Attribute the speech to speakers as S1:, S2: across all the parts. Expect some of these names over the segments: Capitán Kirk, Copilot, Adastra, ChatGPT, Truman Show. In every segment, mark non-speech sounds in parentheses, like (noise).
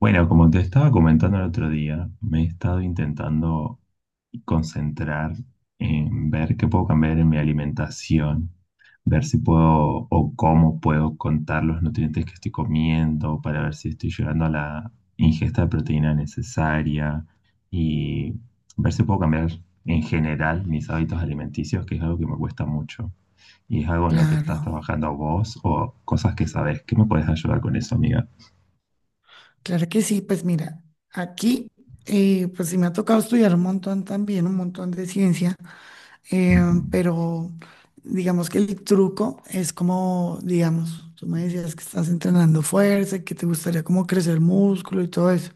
S1: Bueno, como te estaba comentando el otro día, me he estado intentando concentrar en ver qué puedo cambiar en mi alimentación, ver si puedo o cómo puedo contar los nutrientes que estoy comiendo para ver si estoy llegando a la ingesta de proteína necesaria y ver si puedo cambiar en general mis hábitos alimenticios, que es algo que me cuesta mucho. Y es algo en lo que
S2: Claro,
S1: estás trabajando vos o cosas que sabes. ¿Qué me puedes ayudar con eso, amiga?
S2: claro que sí. Pues mira, aquí, pues sí me ha tocado estudiar un montón también, un montón de ciencia, eh,
S1: Ujú.
S2: pero digamos que el truco es como, digamos, tú me decías que estás entrenando fuerza, y que te gustaría como crecer músculo y todo eso.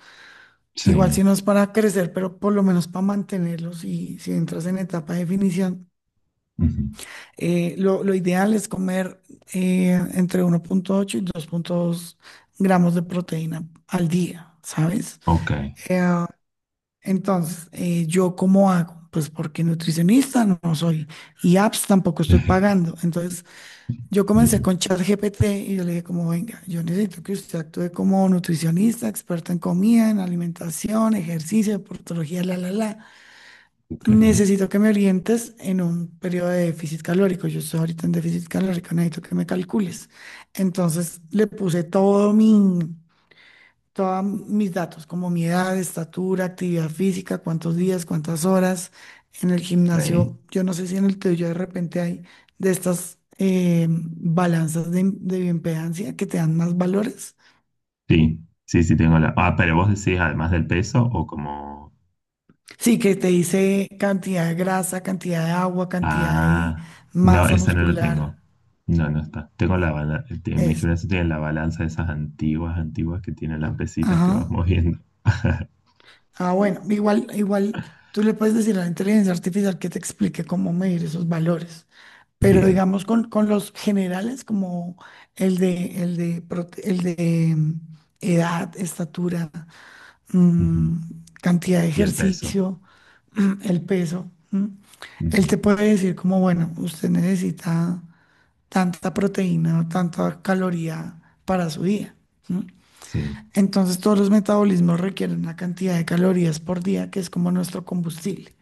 S2: Igual
S1: Sí.
S2: si no es para crecer, pero por lo menos para mantenerlos y si entras en etapa de definición,
S1: Ujú.
S2: lo ideal es comer entre 1,8 y 2,2 gramos de proteína al día, ¿sabes?
S1: Ok.
S2: Eh, entonces, ¿yo cómo hago? Pues porque nutricionista no, no soy y apps tampoco estoy
S1: (laughs)
S2: pagando. Entonces, yo comencé
S1: Bien,
S2: con ChatGPT y yo le dije como, venga, yo necesito que usted actúe como nutricionista, experta en comida, en alimentación, ejercicio, deportología, la, la, la.
S1: ok.
S2: Necesito que me orientes en un periodo de déficit calórico. Yo estoy ahorita en déficit calórico, necesito que me calcules. Entonces, le puse todos mis datos, como mi edad, estatura, actividad física, cuántos días, cuántas horas en el
S1: Ok.
S2: gimnasio. Yo no sé si en el tuyo de repente hay de estas balanzas de bioimpedancia que te dan más valores.
S1: Sí, sí, sí tengo la. Ah, pero vos decís, ¿además del peso o como...
S2: Sí, que te dice cantidad de grasa, cantidad de agua, cantidad de
S1: Ah, no,
S2: masa
S1: esa no la
S2: muscular.
S1: tengo. No, no está. Tengo la balanza. En mi
S2: Es
S1: gimnasio tiene la balanza de esas antiguas, antiguas que tienen las pesitas que
S2: Ajá.
S1: vas moviendo. (laughs)
S2: Ah, bueno, igual, igual tú le puedes decir a la inteligencia artificial que te explique cómo medir esos valores, pero
S1: Bien.
S2: digamos con los generales como el de edad, estatura,
S1: Ujú.
S2: mm, cantidad de
S1: Y el peso.
S2: ejercicio, el peso, él
S1: Ujú.
S2: te puede decir como, bueno, usted necesita tanta proteína o tanta caloría para su día. ¿No?
S1: Sí.
S2: Entonces todos los metabolismos requieren una cantidad de calorías por día que es como nuestro combustible.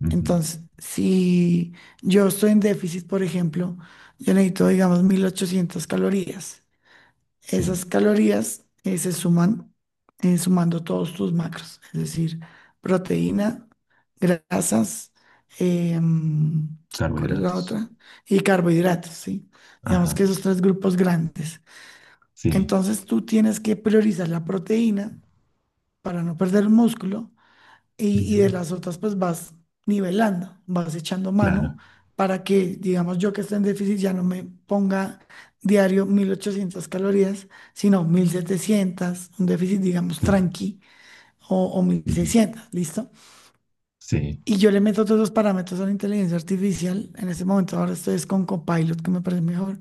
S1: Ujú.
S2: Entonces, si yo estoy en déficit, por ejemplo, yo necesito, digamos, 1800 calorías.
S1: Sí.
S2: Esas calorías se suman sumando todos tus macros, es decir, proteína, grasas, em, ¿cuál es la
S1: Carbohidratos.
S2: otra? Y carbohidratos, ¿sí? Digamos
S1: Ajá.
S2: que esos tres grupos grandes.
S1: Sí.
S2: Entonces tú tienes que priorizar la proteína para no perder músculo y de
S1: Bien.
S2: las otras pues vas nivelando, vas echando mano
S1: Claro.
S2: para que, digamos, yo que estoy en déficit ya no me ponga diario 1800 calorías, sino 1700, un déficit, digamos,
S1: Claro.
S2: tranqui o
S1: Ujú.
S2: 1600, ¿listo?
S1: Sí.
S2: Y yo le meto todos los parámetros a la inteligencia artificial. En este momento ahora estoy es con Copilot, que me parece mejor,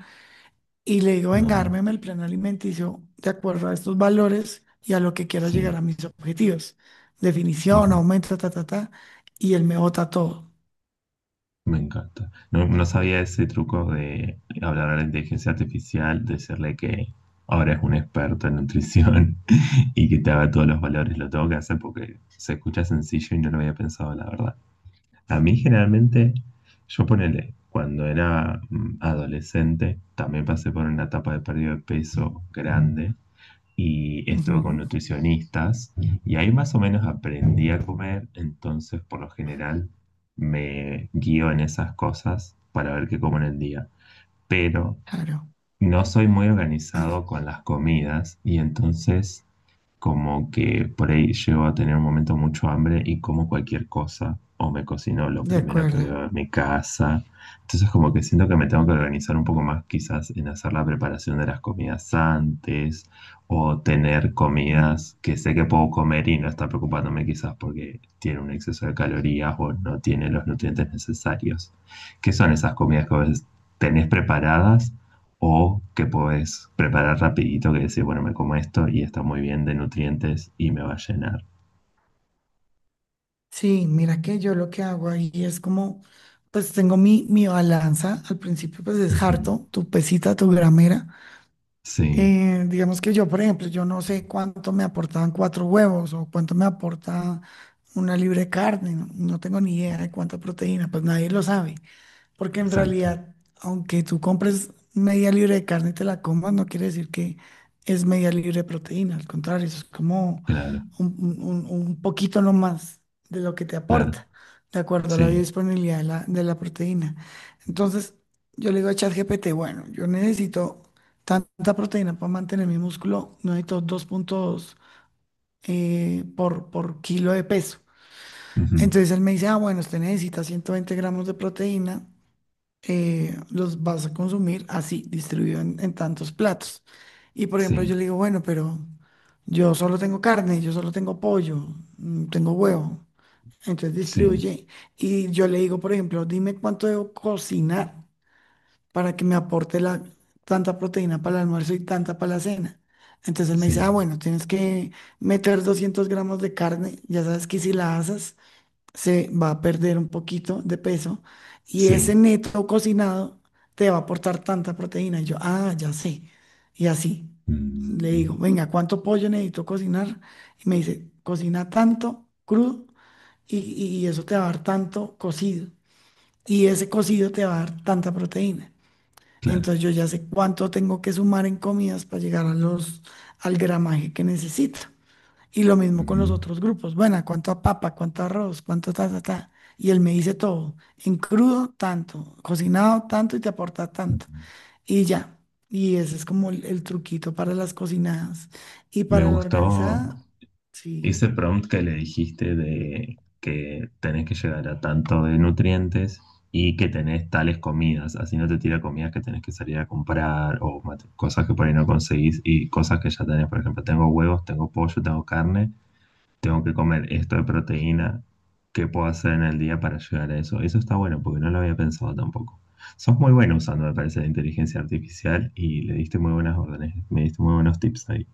S2: y le digo, venga,
S1: Ah,
S2: ármeme el plan alimenticio de acuerdo a estos valores y a lo que quiero llegar
S1: sí.
S2: a mis objetivos. Definición,
S1: Ujú.
S2: aumento, ta, ta, ta. Y él me bota todo.
S1: Me encanta. No, no sabía ese truco de hablar a la inteligencia artificial, decirle que ahora es un experto en nutrición (laughs) y que te haga todos los valores. Lo tengo que hacer porque se escucha sencillo y no lo había pensado, la verdad. A mí generalmente, yo ponele, cuando era adolescente, también pasé por una etapa de pérdida de peso grande y estuve con
S2: Ujú.
S1: nutricionistas y ahí más o menos aprendí a comer, entonces por lo general me guío en esas cosas para ver qué como en el día. Pero
S2: Claro,
S1: no soy muy organizado con las comidas y entonces como que por ahí llego a tener un momento mucho hambre y como cualquier cosa o me cocino lo
S2: de
S1: primero que
S2: acuerdo.
S1: veo en mi casa. Entonces como que siento que me tengo que organizar un poco más quizás en hacer la preparación de las comidas antes o tener
S2: Mm.
S1: comidas que sé que puedo comer y no estar preocupándome quizás porque tiene un exceso de calorías o no tiene los nutrientes necesarios. ¿Qué son esas comidas que a veces tenés preparadas? O que podés preparar rapidito que decís, bueno, me como esto y está muy bien de nutrientes y me va a llenar.
S2: Sí, mira que yo lo que hago ahí es como, pues tengo mi balanza. Al principio, pues es
S1: Ujú.
S2: harto, tu pesita, tu gramera.
S1: Sí,
S2: Digamos que yo, por ejemplo, yo no sé cuánto me aportaban cuatro huevos o cuánto me aporta una libre carne, no, no tengo ni idea de cuánta proteína, pues nadie lo sabe. Porque en
S1: exacto.
S2: realidad, aunque tú compres media libra de carne y te la comas, no quiere decir que es media libra de proteína. Al contrario, eso es como
S1: Claro,
S2: un poquito nomás de lo que te
S1: claro.
S2: aporta, de acuerdo a la
S1: Sí.
S2: biodisponibilidad de la proteína. Entonces, yo le digo a ChatGPT, bueno, yo necesito tanta proteína para mantener mi músculo, no necesito dos puntos por kilo de peso.
S1: Ujú.
S2: Entonces él me dice, ah, bueno, usted necesita 120 gramos de proteína los vas a consumir así, distribuido en tantos platos. Y por ejemplo, yo
S1: Sí,
S2: le digo, bueno, pero yo solo tengo carne, yo solo tengo pollo, tengo huevo. Entonces
S1: sí,
S2: distribuye. Y yo le digo, por ejemplo, dime cuánto debo cocinar para que me aporte tanta proteína para el almuerzo y tanta para la cena. Entonces él me dice, ah,
S1: sí,
S2: bueno, tienes que meter 200 gramos de carne, ya sabes que si la asas se va a perder un poquito de peso y
S1: sí.
S2: ese neto cocinado te va a aportar tanta proteína. Y yo, ah, ya sé. Y así le digo,
S1: Mm,
S2: venga, ¿cuánto pollo necesito cocinar? Y me dice, cocina tanto crudo y eso te va a dar tanto cocido. Y ese cocido te va a dar tanta proteína.
S1: claro.
S2: Entonces yo ya sé cuánto tengo que sumar en comidas para llegar a al gramaje que necesito. Y lo mismo con los
S1: Mm.
S2: otros grupos. Bueno, ¿cuánto a papa? ¿Cuánto arroz? ¿Cuánto ta, ta, ta? Y él me dice todo. En crudo, tanto. Cocinado, tanto y te aporta tanto. Y ya. Y ese es como el truquito para las cocinadas. Y
S1: Me
S2: para la
S1: gustó
S2: organizada, sí.
S1: ese prompt que le dijiste de que tenés que llegar a tanto de nutrientes y que tenés tales comidas, así no te tira comidas que tenés que salir a comprar o cosas que por ahí no conseguís y cosas que ya tenés, por ejemplo, tengo huevos, tengo pollo, tengo carne, tengo que comer esto de proteína, ¿qué puedo hacer en el día para llegar a eso? Eso está bueno porque no lo había pensado tampoco. Sos muy bueno usando, me parece, la inteligencia artificial y le diste muy buenas órdenes, me diste muy buenos tips ahí.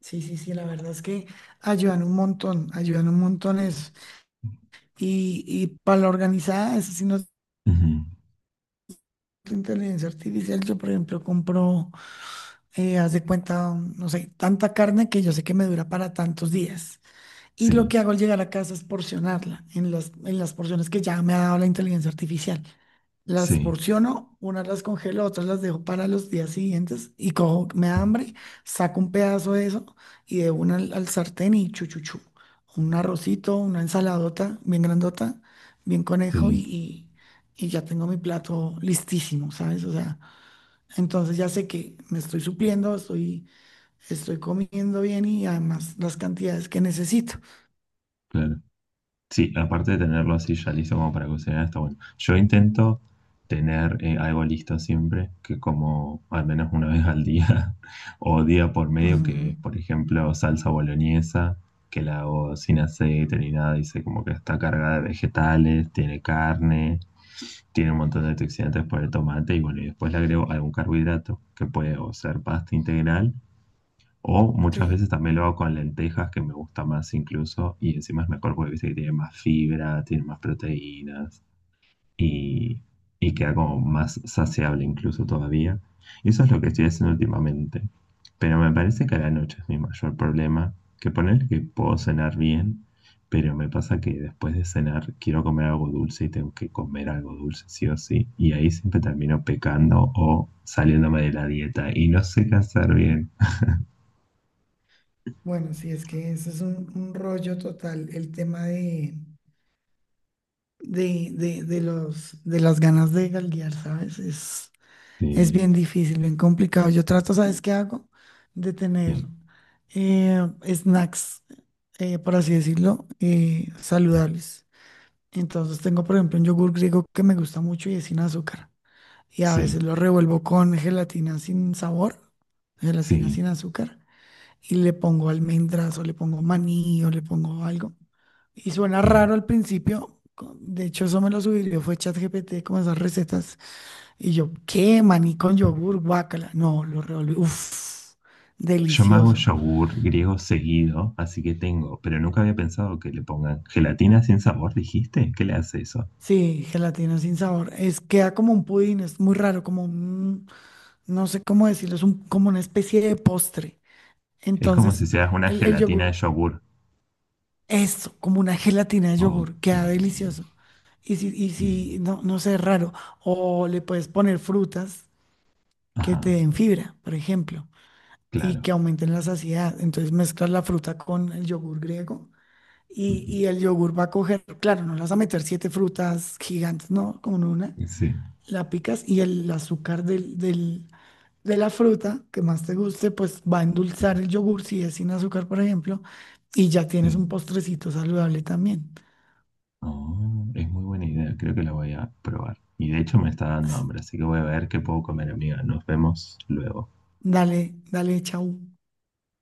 S2: Sí, sí, sí. La verdad es que ayudan un montón. Ayudan un montón eso. Y para la organizada, eso sí no es
S1: Ujú.
S2: inteligencia artificial. Yo, por ejemplo, compro, haz de cuenta, no sé, tanta carne que yo sé que me dura para tantos días. Y lo
S1: Sí,
S2: que hago al llegar a casa es porcionarla en las porciones que ya me ha dado la inteligencia artificial. Las
S1: sí,
S2: porciono, unas las congelo, otras las dejo para los días siguientes y cojo, me da hambre, saco un pedazo de eso y de una al sartén y chuchuchu. Un arrocito, una ensaladota bien grandota, bien conejo
S1: sí.
S2: y ya tengo mi plato listísimo, ¿sabes? O sea, entonces ya sé que me estoy supliendo, estoy comiendo bien y además las cantidades que necesito.
S1: Claro. Sí, aparte de tenerlo así ya listo como para cocinar, está bueno. Yo intento tener algo listo siempre, que como al menos una vez al día (laughs) o día por medio, que
S2: Ujú.
S1: es, por ejemplo, salsa boloñesa, que la hago sin aceite ni nada, dice como que está cargada de vegetales, tiene carne, tiene un montón de antioxidantes por el tomate y bueno, y después le agrego algún carbohidrato, que puede o ser pasta integral o muchas veces
S2: Sí,
S1: también lo hago con lentejas, que me gusta más incluso, y encima es mejor porque viste que tiene más fibra, tiene más proteínas y, y queda como más saciable incluso todavía. Y eso es lo que estoy haciendo últimamente. Pero me parece que a la noche es mi mayor problema, que poner que puedo cenar bien, pero me pasa que después de cenar quiero comer algo dulce y tengo que comer algo dulce sí o sí, y ahí siempre termino pecando o saliéndome de la dieta y no sé qué hacer bien.
S2: bueno, sí, es que eso es un rollo total, el tema de las ganas de galguear, ¿sabes? Es bien difícil, bien complicado. Yo trato, ¿sabes qué hago? De
S1: Sí.
S2: tener eh, snacks, por así decirlo, saludables. Entonces tengo, por ejemplo, un yogur griego que me gusta mucho y es sin azúcar. Y a
S1: Sí,
S2: veces lo revuelvo con gelatina sin sabor, gelatina
S1: sí,
S2: sin azúcar. Y le pongo almendras o le pongo maní o le pongo algo. Y suena
S1: sí.
S2: raro al principio. De hecho, eso me lo sugirió, fue ChatGPT con esas recetas. Y yo, ¿qué? Maní con yogur, guácala. No, lo revolví. Uf,
S1: Yo me hago
S2: delicioso.
S1: yogur griego seguido, así que tengo, pero nunca había pensado que le pongan gelatina sin sabor, ¿dijiste? ¿Qué le hace eso?
S2: Sí, gelatina sin sabor. Queda como un pudín, es muy raro, no sé cómo decirlo, como una especie de postre.
S1: Es como
S2: Entonces,
S1: si seas una
S2: el
S1: gelatina de
S2: yogur.
S1: yogur.
S2: Esto, como una gelatina de yogur,
S1: Ok.
S2: queda delicioso. Y si, y
S1: Mm,
S2: si no, no sé, raro. O le puedes poner frutas que te
S1: ajá,
S2: den fibra, por ejemplo, y que
S1: claro.
S2: aumenten la saciedad. Entonces mezclas la fruta con el yogur griego y,
S1: Ujú.
S2: y el yogur va a coger, claro, no le vas a meter siete frutas gigantes, no, con una,
S1: Sí,
S2: la picas y el azúcar de la fruta que más te guste, pues va a endulzar el yogur si es sin azúcar, por ejemplo, y ya tienes un
S1: sí.
S2: postrecito saludable también.
S1: Oh, es muy buena idea, creo que la voy a probar. Y de hecho me está dando hambre, así que voy a ver qué puedo comer, amiga. Nos vemos luego.
S2: Dale, dale, chau.